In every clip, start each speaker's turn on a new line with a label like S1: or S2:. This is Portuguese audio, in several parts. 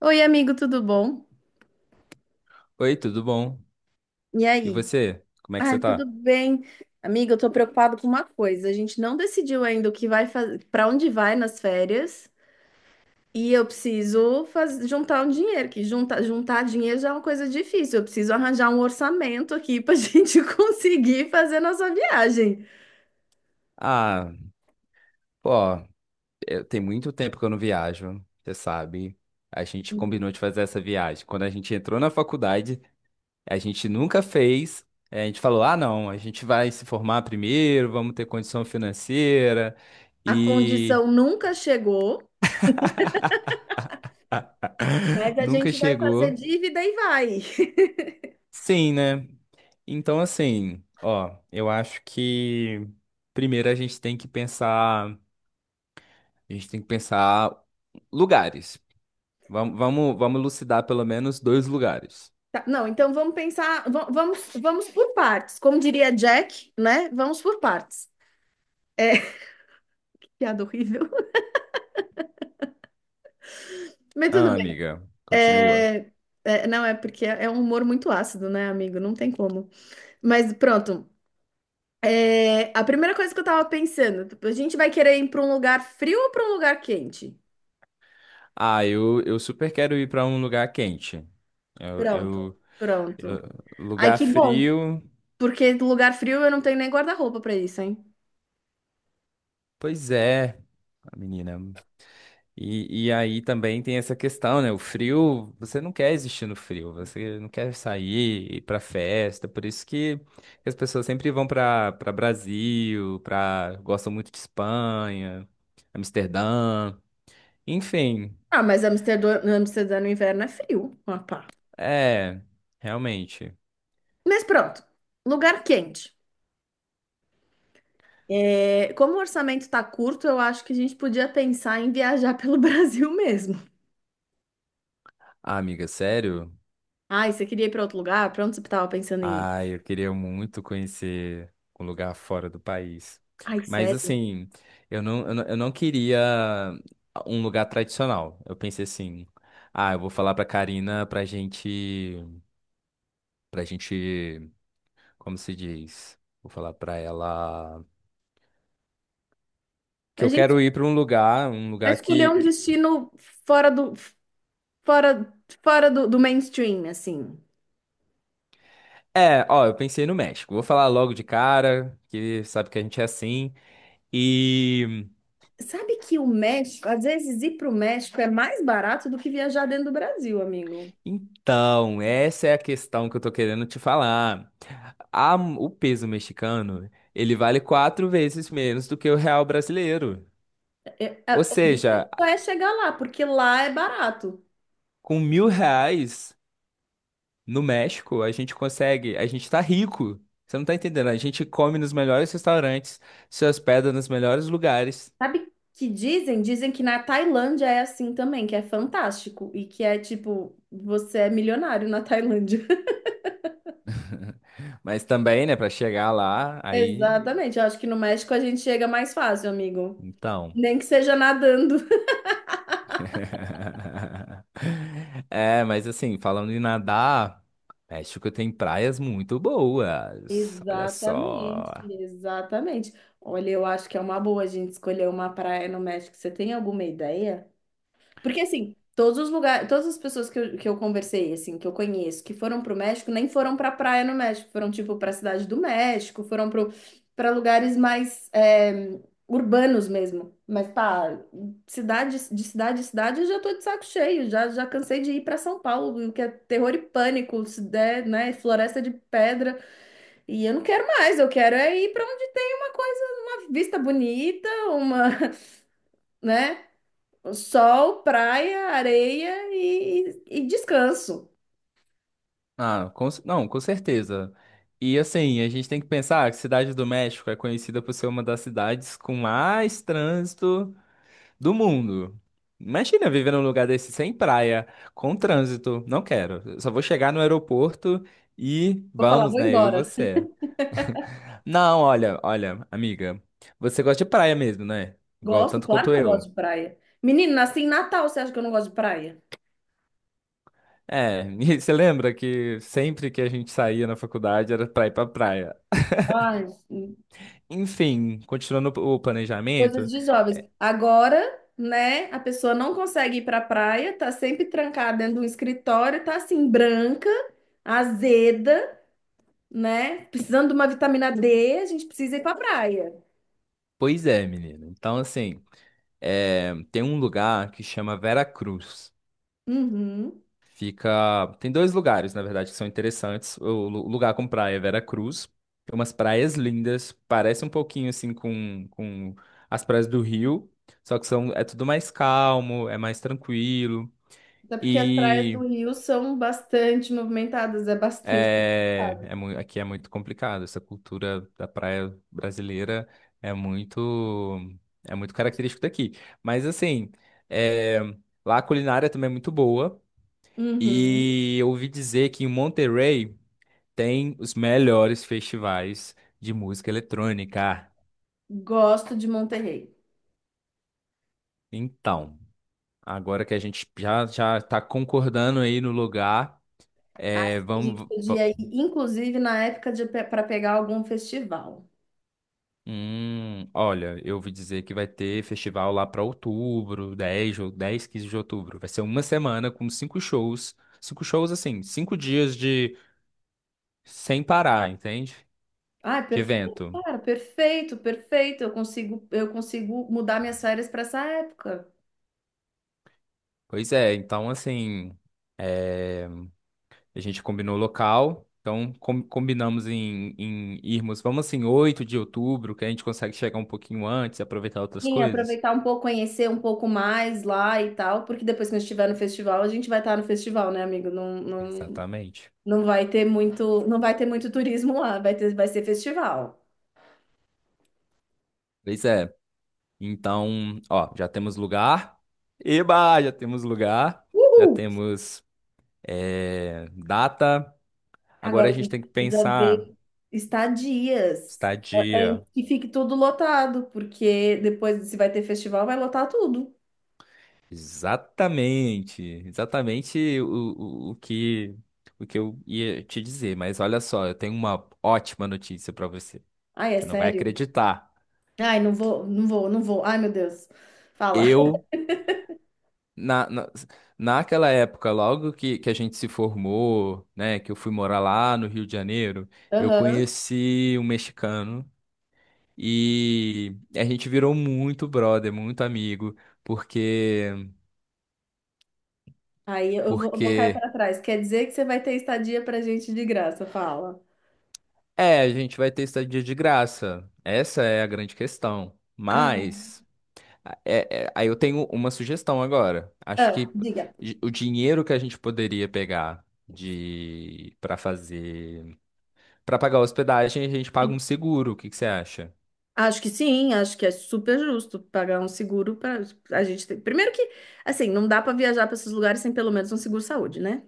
S1: Oi, amigo, tudo bom?
S2: Oi, tudo bom?
S1: E
S2: E
S1: aí?
S2: você? Como é que você
S1: Ai, tudo
S2: tá?
S1: bem. Amigo, eu tô preocupado com uma coisa. A gente não decidiu ainda o que vai fazer, para onde vai nas férias, e eu preciso juntar um dinheiro, que juntar dinheiro já é uma coisa difícil. Eu preciso arranjar um orçamento aqui pra gente conseguir fazer nossa viagem.
S2: Ah, pô, tem muito tempo que eu não viajo, você sabe. A gente
S1: Uhum.
S2: combinou de fazer essa viagem. Quando a gente entrou na faculdade, a gente nunca fez. A gente falou: ah, não, a gente vai se formar primeiro, vamos ter condição financeira.
S1: A
S2: E
S1: condição nunca chegou, mas a
S2: nunca
S1: gente vai fazer
S2: chegou.
S1: dívida e vai.
S2: Sim, né? Então, assim, ó, eu acho que primeiro a gente tem que pensar. A gente tem que pensar lugares. Vamos elucidar pelo menos dois lugares.
S1: Tá, não, então vamos pensar, vamos, vamos por partes. Como diria Jack, né? Vamos por partes. É, piada horrível. Mas tudo
S2: Ah,
S1: bem.
S2: amiga, continua.
S1: É, é, não, é porque é um humor muito ácido, né, amigo? Não tem como. Mas pronto. É, a primeira coisa que eu tava pensando, tipo, a gente vai querer ir pra um lugar frio ou pra um lugar quente?
S2: Ah, eu super quero ir para um lugar quente. Eu,
S1: Pronto,
S2: eu,
S1: pronto.
S2: eu-
S1: Ai,
S2: lugar
S1: que bom,
S2: frio.
S1: porque lugar frio eu não tenho nem guarda-roupa pra isso, hein?
S2: Pois é, menina. E aí também tem essa questão, né? O frio, você não quer existir no frio, você não quer sair, ir pra festa, por isso que as pessoas sempre vão pra para Brasil, pra gostam muito de Espanha, Amsterdã, enfim,
S1: Ah, mas Amsterdã, Amsterdã no inverno é frio. Ah, pá.
S2: é, realmente.
S1: Mas pronto, lugar quente. É, como o orçamento tá curto, eu acho que a gente podia pensar em viajar pelo Brasil mesmo.
S2: Ah, amiga, sério?
S1: Ai, você queria ir para outro lugar? Para onde você estava pensando em ir?
S2: Ah, eu queria muito conhecer um lugar fora do país.
S1: Ai,
S2: Mas
S1: sério?
S2: assim, eu não queria um lugar tradicional. Eu pensei assim, ah, eu vou falar pra Karina pra gente, como se diz? Vou falar pra ela que
S1: A
S2: eu
S1: gente
S2: quero ir pra um lugar, um
S1: vai
S2: lugar
S1: escolher
S2: que,
S1: um
S2: que...
S1: destino fora do, fora, fora do mainstream, assim.
S2: É, ó, eu pensei no México. Vou falar logo de cara, que sabe que a gente é assim.
S1: Sabe que o México, às vezes ir para o México é mais barato do que viajar dentro do Brasil, amigo.
S2: Então, essa é a questão que eu tô querendo te falar. O peso mexicano, ele vale 4 vezes menos do que o real brasileiro.
S1: É,
S2: Ou
S1: é, o difícil
S2: seja,
S1: é chegar lá, porque lá é barato.
S2: com R$ 1.000 no México, a gente consegue, a gente tá rico. Você não tá entendendo? A gente come nos melhores restaurantes, se hospeda nos melhores lugares.
S1: Sabe que dizem? Dizem que na Tailândia é assim também, que é fantástico e que é tipo, você é milionário na Tailândia.
S2: Mas também, né, pra chegar lá, aí,
S1: Exatamente. Eu acho que no México a gente chega mais fácil, amigo.
S2: então.
S1: Nem que seja nadando.
S2: É, mas assim, falando em nadar, México tem praias muito boas. Olha
S1: Exatamente,
S2: só.
S1: exatamente. Olha, eu acho que é uma boa a gente escolher uma praia no México. Você tem alguma ideia? Porque assim, todos os lugares, todas as pessoas que eu conversei, assim, que eu conheço, que foram pro México, nem foram pra praia no México, foram tipo pra cidade do México, foram pro, pra lugares mais é, urbanos mesmo. Mas pá, cidade, de cidade em cidade, eu já tô de saco cheio, já, já cansei de ir pra São Paulo, que é terror e pânico, se der, né, floresta de pedra, e eu não quero mais, eu quero é ir pra onde tem uma coisa, uma vista bonita, uma, né? Sol, praia, areia e descanso.
S2: Ah, não, com certeza. E assim, a gente tem que pensar que Cidade do México é conhecida por ser uma das cidades com mais trânsito do mundo. Imagina viver num lugar desse sem praia, com trânsito. Não quero. Eu só vou chegar no aeroporto e
S1: Vou falar,
S2: vamos,
S1: vou
S2: né? Eu e
S1: embora.
S2: você. Não, olha, olha, amiga, você gosta de praia mesmo, né? Igual,
S1: Gosto,
S2: tanto
S1: claro
S2: quanto
S1: que eu gosto
S2: eu.
S1: de praia. Menino, nasci em Natal, você acha que eu não gosto de praia?
S2: É, e você lembra que sempre que a gente saía na faculdade era pra ir pra praia.
S1: Ai,
S2: Enfim, continuando o
S1: coisas
S2: planejamento,
S1: de jovens. Agora, né, a pessoa não consegue ir pra praia, tá sempre trancada dentro de um escritório, tá assim, branca, azeda, né? Precisando de uma vitamina D, a gente precisa ir pra praia.
S2: pois é, menina. Então, assim, tem um lugar que chama Vera Cruz.
S1: Uhum.
S2: Fica. Tem dois lugares, na verdade, que são interessantes. O lugar com praia é Veracruz. Tem umas praias lindas. Parece um pouquinho assim com as praias do Rio. Só que é tudo mais calmo, é mais tranquilo.
S1: Até porque as praias do
S2: E
S1: Rio são bastante movimentadas, é bastante
S2: é...
S1: movimentado.
S2: É mui- aqui é muito complicado. Essa cultura da praia brasileira é muito. É muito característico daqui. Mas assim, é, lá a culinária também é muito boa.
S1: Uhum.
S2: E eu ouvi dizer que em Monterrey tem os melhores festivais de música eletrônica.
S1: Gosto de Monterrey.
S2: Então, agora que a gente já já está concordando aí no lugar,
S1: Acho que a gente
S2: vamos. va-
S1: podia ir, inclusive, na época de para pegar algum festival.
S2: Hum, olha, eu ouvi dizer que vai ter festival lá para outubro, 10 ou 10 15 de outubro. Vai ser uma semana com cinco shows. Cinco shows, assim, 5 dias de sem parar, entende?
S1: Ah,
S2: De
S1: perfeito,
S2: evento.
S1: cara, perfeito, perfeito. Eu consigo mudar minhas férias para essa época.
S2: Pois é, então assim. é, A gente combinou o local, então combinamos em irmos, vamos assim, 8 de outubro, que a gente consegue chegar um pouquinho antes e aproveitar outras
S1: Sim,
S2: coisas.
S1: aproveitar um pouco, conhecer um pouco mais lá e tal, porque depois que a gente estiver no festival, a gente vai estar no festival, né, amigo? Não, não,
S2: Exatamente.
S1: não vai ter muito, não vai ter muito turismo lá, vai ter, vai ser festival.
S2: Pois é. Então, ó, já temos lugar. Eba, já temos lugar. Já
S1: Uhul!
S2: temos data. Agora
S1: Agora
S2: a
S1: a
S2: gente
S1: gente
S2: tem que
S1: precisa
S2: pensar
S1: ver estadias antes
S2: estadia.
S1: que fique tudo lotado, porque depois, se vai ter festival, vai lotar tudo.
S2: Exatamente. Exatamente o, o que o que eu ia te dizer, mas olha só, eu tenho uma ótima notícia para você.
S1: Ai, é
S2: Você não vai
S1: sério?
S2: acreditar.
S1: Ai, não vou, não vou, não vou. Ai, meu Deus. Fala.
S2: Eu, na, na, naquela época, logo que a gente se formou, né, que eu fui morar lá no Rio de Janeiro, eu
S1: Aham.
S2: conheci um mexicano e a gente virou muito brother, muito amigo, porque,
S1: Aí eu vou cair
S2: porque,
S1: para trás. Quer dizer que você vai ter estadia pra gente de graça, fala.
S2: é, a gente vai ter estadia de graça. Essa é a grande questão.
S1: Ah,
S2: Mas. Aí eu tenho uma sugestão agora. Acho
S1: ah,
S2: que
S1: diga.
S2: o dinheiro que a gente poderia pegar de para fazer para pagar a hospedagem, a gente paga um seguro. O que que você acha?
S1: Acho que sim, acho que é super justo pagar um seguro para a gente ter. Primeiro que, assim, não dá para viajar para esses lugares sem pelo menos um seguro saúde, né?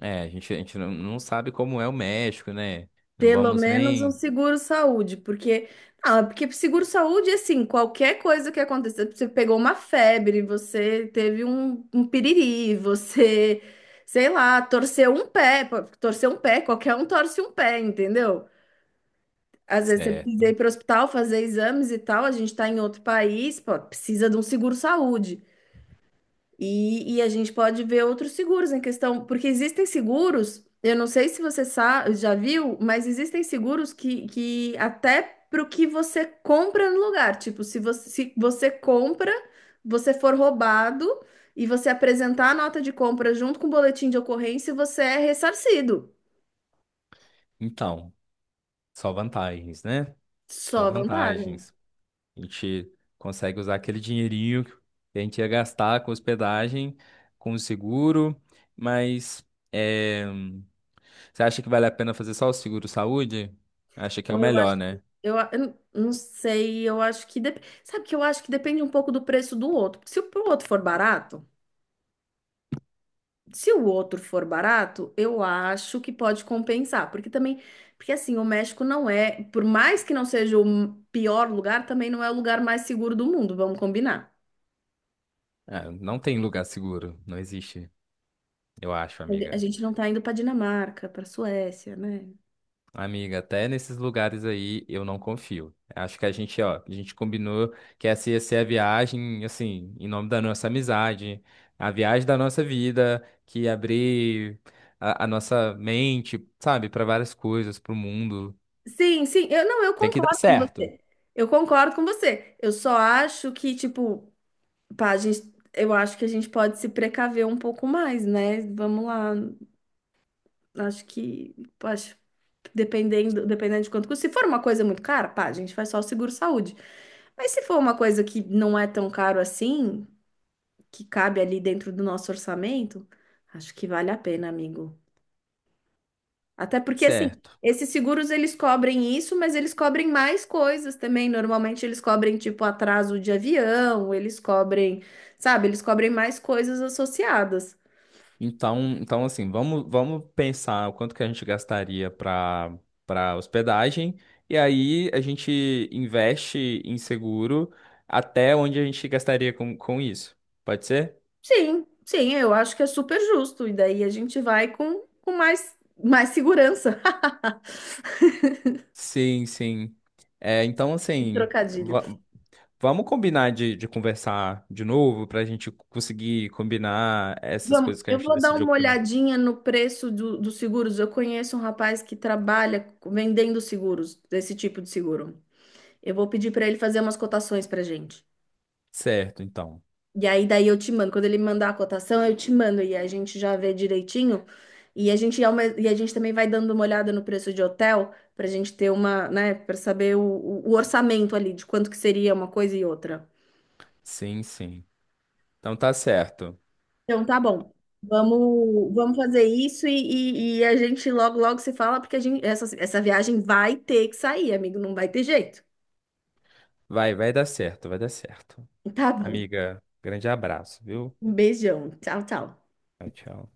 S2: É, a gente não sabe como é o México, né? Não
S1: Pelo
S2: vamos
S1: menos um
S2: nem.
S1: seguro-saúde, porque ah, porque seguro-saúde, assim, qualquer coisa que aconteça, você pegou uma febre, você teve um, piriri, você, sei lá, torceu um pé, pô, torceu um pé, qualquer um torce um pé, entendeu? Às vezes você precisa ir
S2: Certo.
S1: para o hospital fazer exames e tal, a gente está em outro país, pô, precisa de um seguro-saúde. E a gente pode ver outros seguros em questão, porque existem seguros, eu não sei se você já viu, mas existem seguros que até para o que você compra no lugar. Tipo, se você compra, você for roubado e você apresentar a nota de compra junto com o boletim de ocorrência, você é ressarcido.
S2: Então, só vantagens, né? Só
S1: Só vantagem.
S2: vantagens. A gente consegue usar aquele dinheirinho que a gente ia gastar com hospedagem, com o seguro, mas. é, Você acha que vale a pena fazer só o seguro saúde? Acha que é o
S1: Então eu acho
S2: melhor,
S1: que.
S2: né?
S1: Eu não sei, eu acho que. Sabe que eu acho que depende um pouco do preço do outro. Porque se o outro for barato. Se o outro for barato, eu acho que pode compensar, porque também, porque assim, o México não é, por mais que não seja o pior lugar, também não é o lugar mais seguro do mundo, vamos combinar.
S2: Ah, não tem lugar seguro, não existe, eu acho,
S1: A
S2: amiga.
S1: gente não tá indo para Dinamarca, para Suécia, né?
S2: Amiga, até nesses lugares aí eu não confio. Acho que a gente, ó, a gente combinou que essa ia ser a viagem, assim, em nome da nossa amizade, a viagem da nossa vida, que ia abrir a nossa mente, sabe, para várias coisas, para o mundo.
S1: Sim, sim, eu não, eu
S2: Tem que dar
S1: concordo com
S2: certo,
S1: você. Eu concordo com você. Eu só acho que, tipo, pá, eu acho que a gente pode se precaver um pouco mais, né? Vamos lá. Acho que, acho, dependendo, dependendo de quanto custa. Se for uma coisa muito cara, pá, a gente faz só o seguro-saúde. Mas se for uma coisa que não é tão caro assim, que cabe ali dentro do nosso orçamento, acho que vale a pena, amigo. Até porque, assim,
S2: certo.
S1: esses seguros eles cobrem isso, mas eles cobrem mais coisas também. Normalmente eles cobrem, tipo, atraso de avião, eles cobrem, sabe, eles cobrem mais coisas associadas.
S2: Então assim, vamos pensar o quanto que a gente gastaria para hospedagem e aí a gente investe em seguro até onde a gente gastaria com isso. Pode ser?
S1: Sim, sim, eu acho que é super justo. E daí a gente vai com mais, mais segurança.
S2: Sim, sim. É, então,
S1: Que
S2: assim,
S1: trocadilho.
S2: va- vamos combinar de conversar de novo para a gente conseguir combinar essas
S1: Vamos,
S2: coisas que a
S1: eu
S2: gente
S1: vou dar
S2: decidiu
S1: uma
S2: com...
S1: olhadinha no preço dos seguros. Eu conheço um rapaz que trabalha vendendo seguros, desse tipo de seguro. Eu vou pedir para ele fazer umas cotações para gente.
S2: Certo, então.
S1: E aí daí eu te mando. Quando ele mandar a cotação, eu te mando e a gente já vê direitinho. E a gente, e a gente também vai dando uma olhada no preço de hotel para a gente ter uma, né, para saber o orçamento ali de quanto que seria uma coisa e outra.
S2: Sim, sim. Então tá certo.
S1: Então tá bom. Vamos, vamos fazer isso e a gente logo logo se fala porque essa viagem vai ter que sair, amigo, não vai ter jeito.
S2: Vai dar certo, vai dar certo.
S1: Tá bom.
S2: Amiga, grande abraço, viu?
S1: Um beijão. Tchau, tchau.
S2: Tchau, tchau.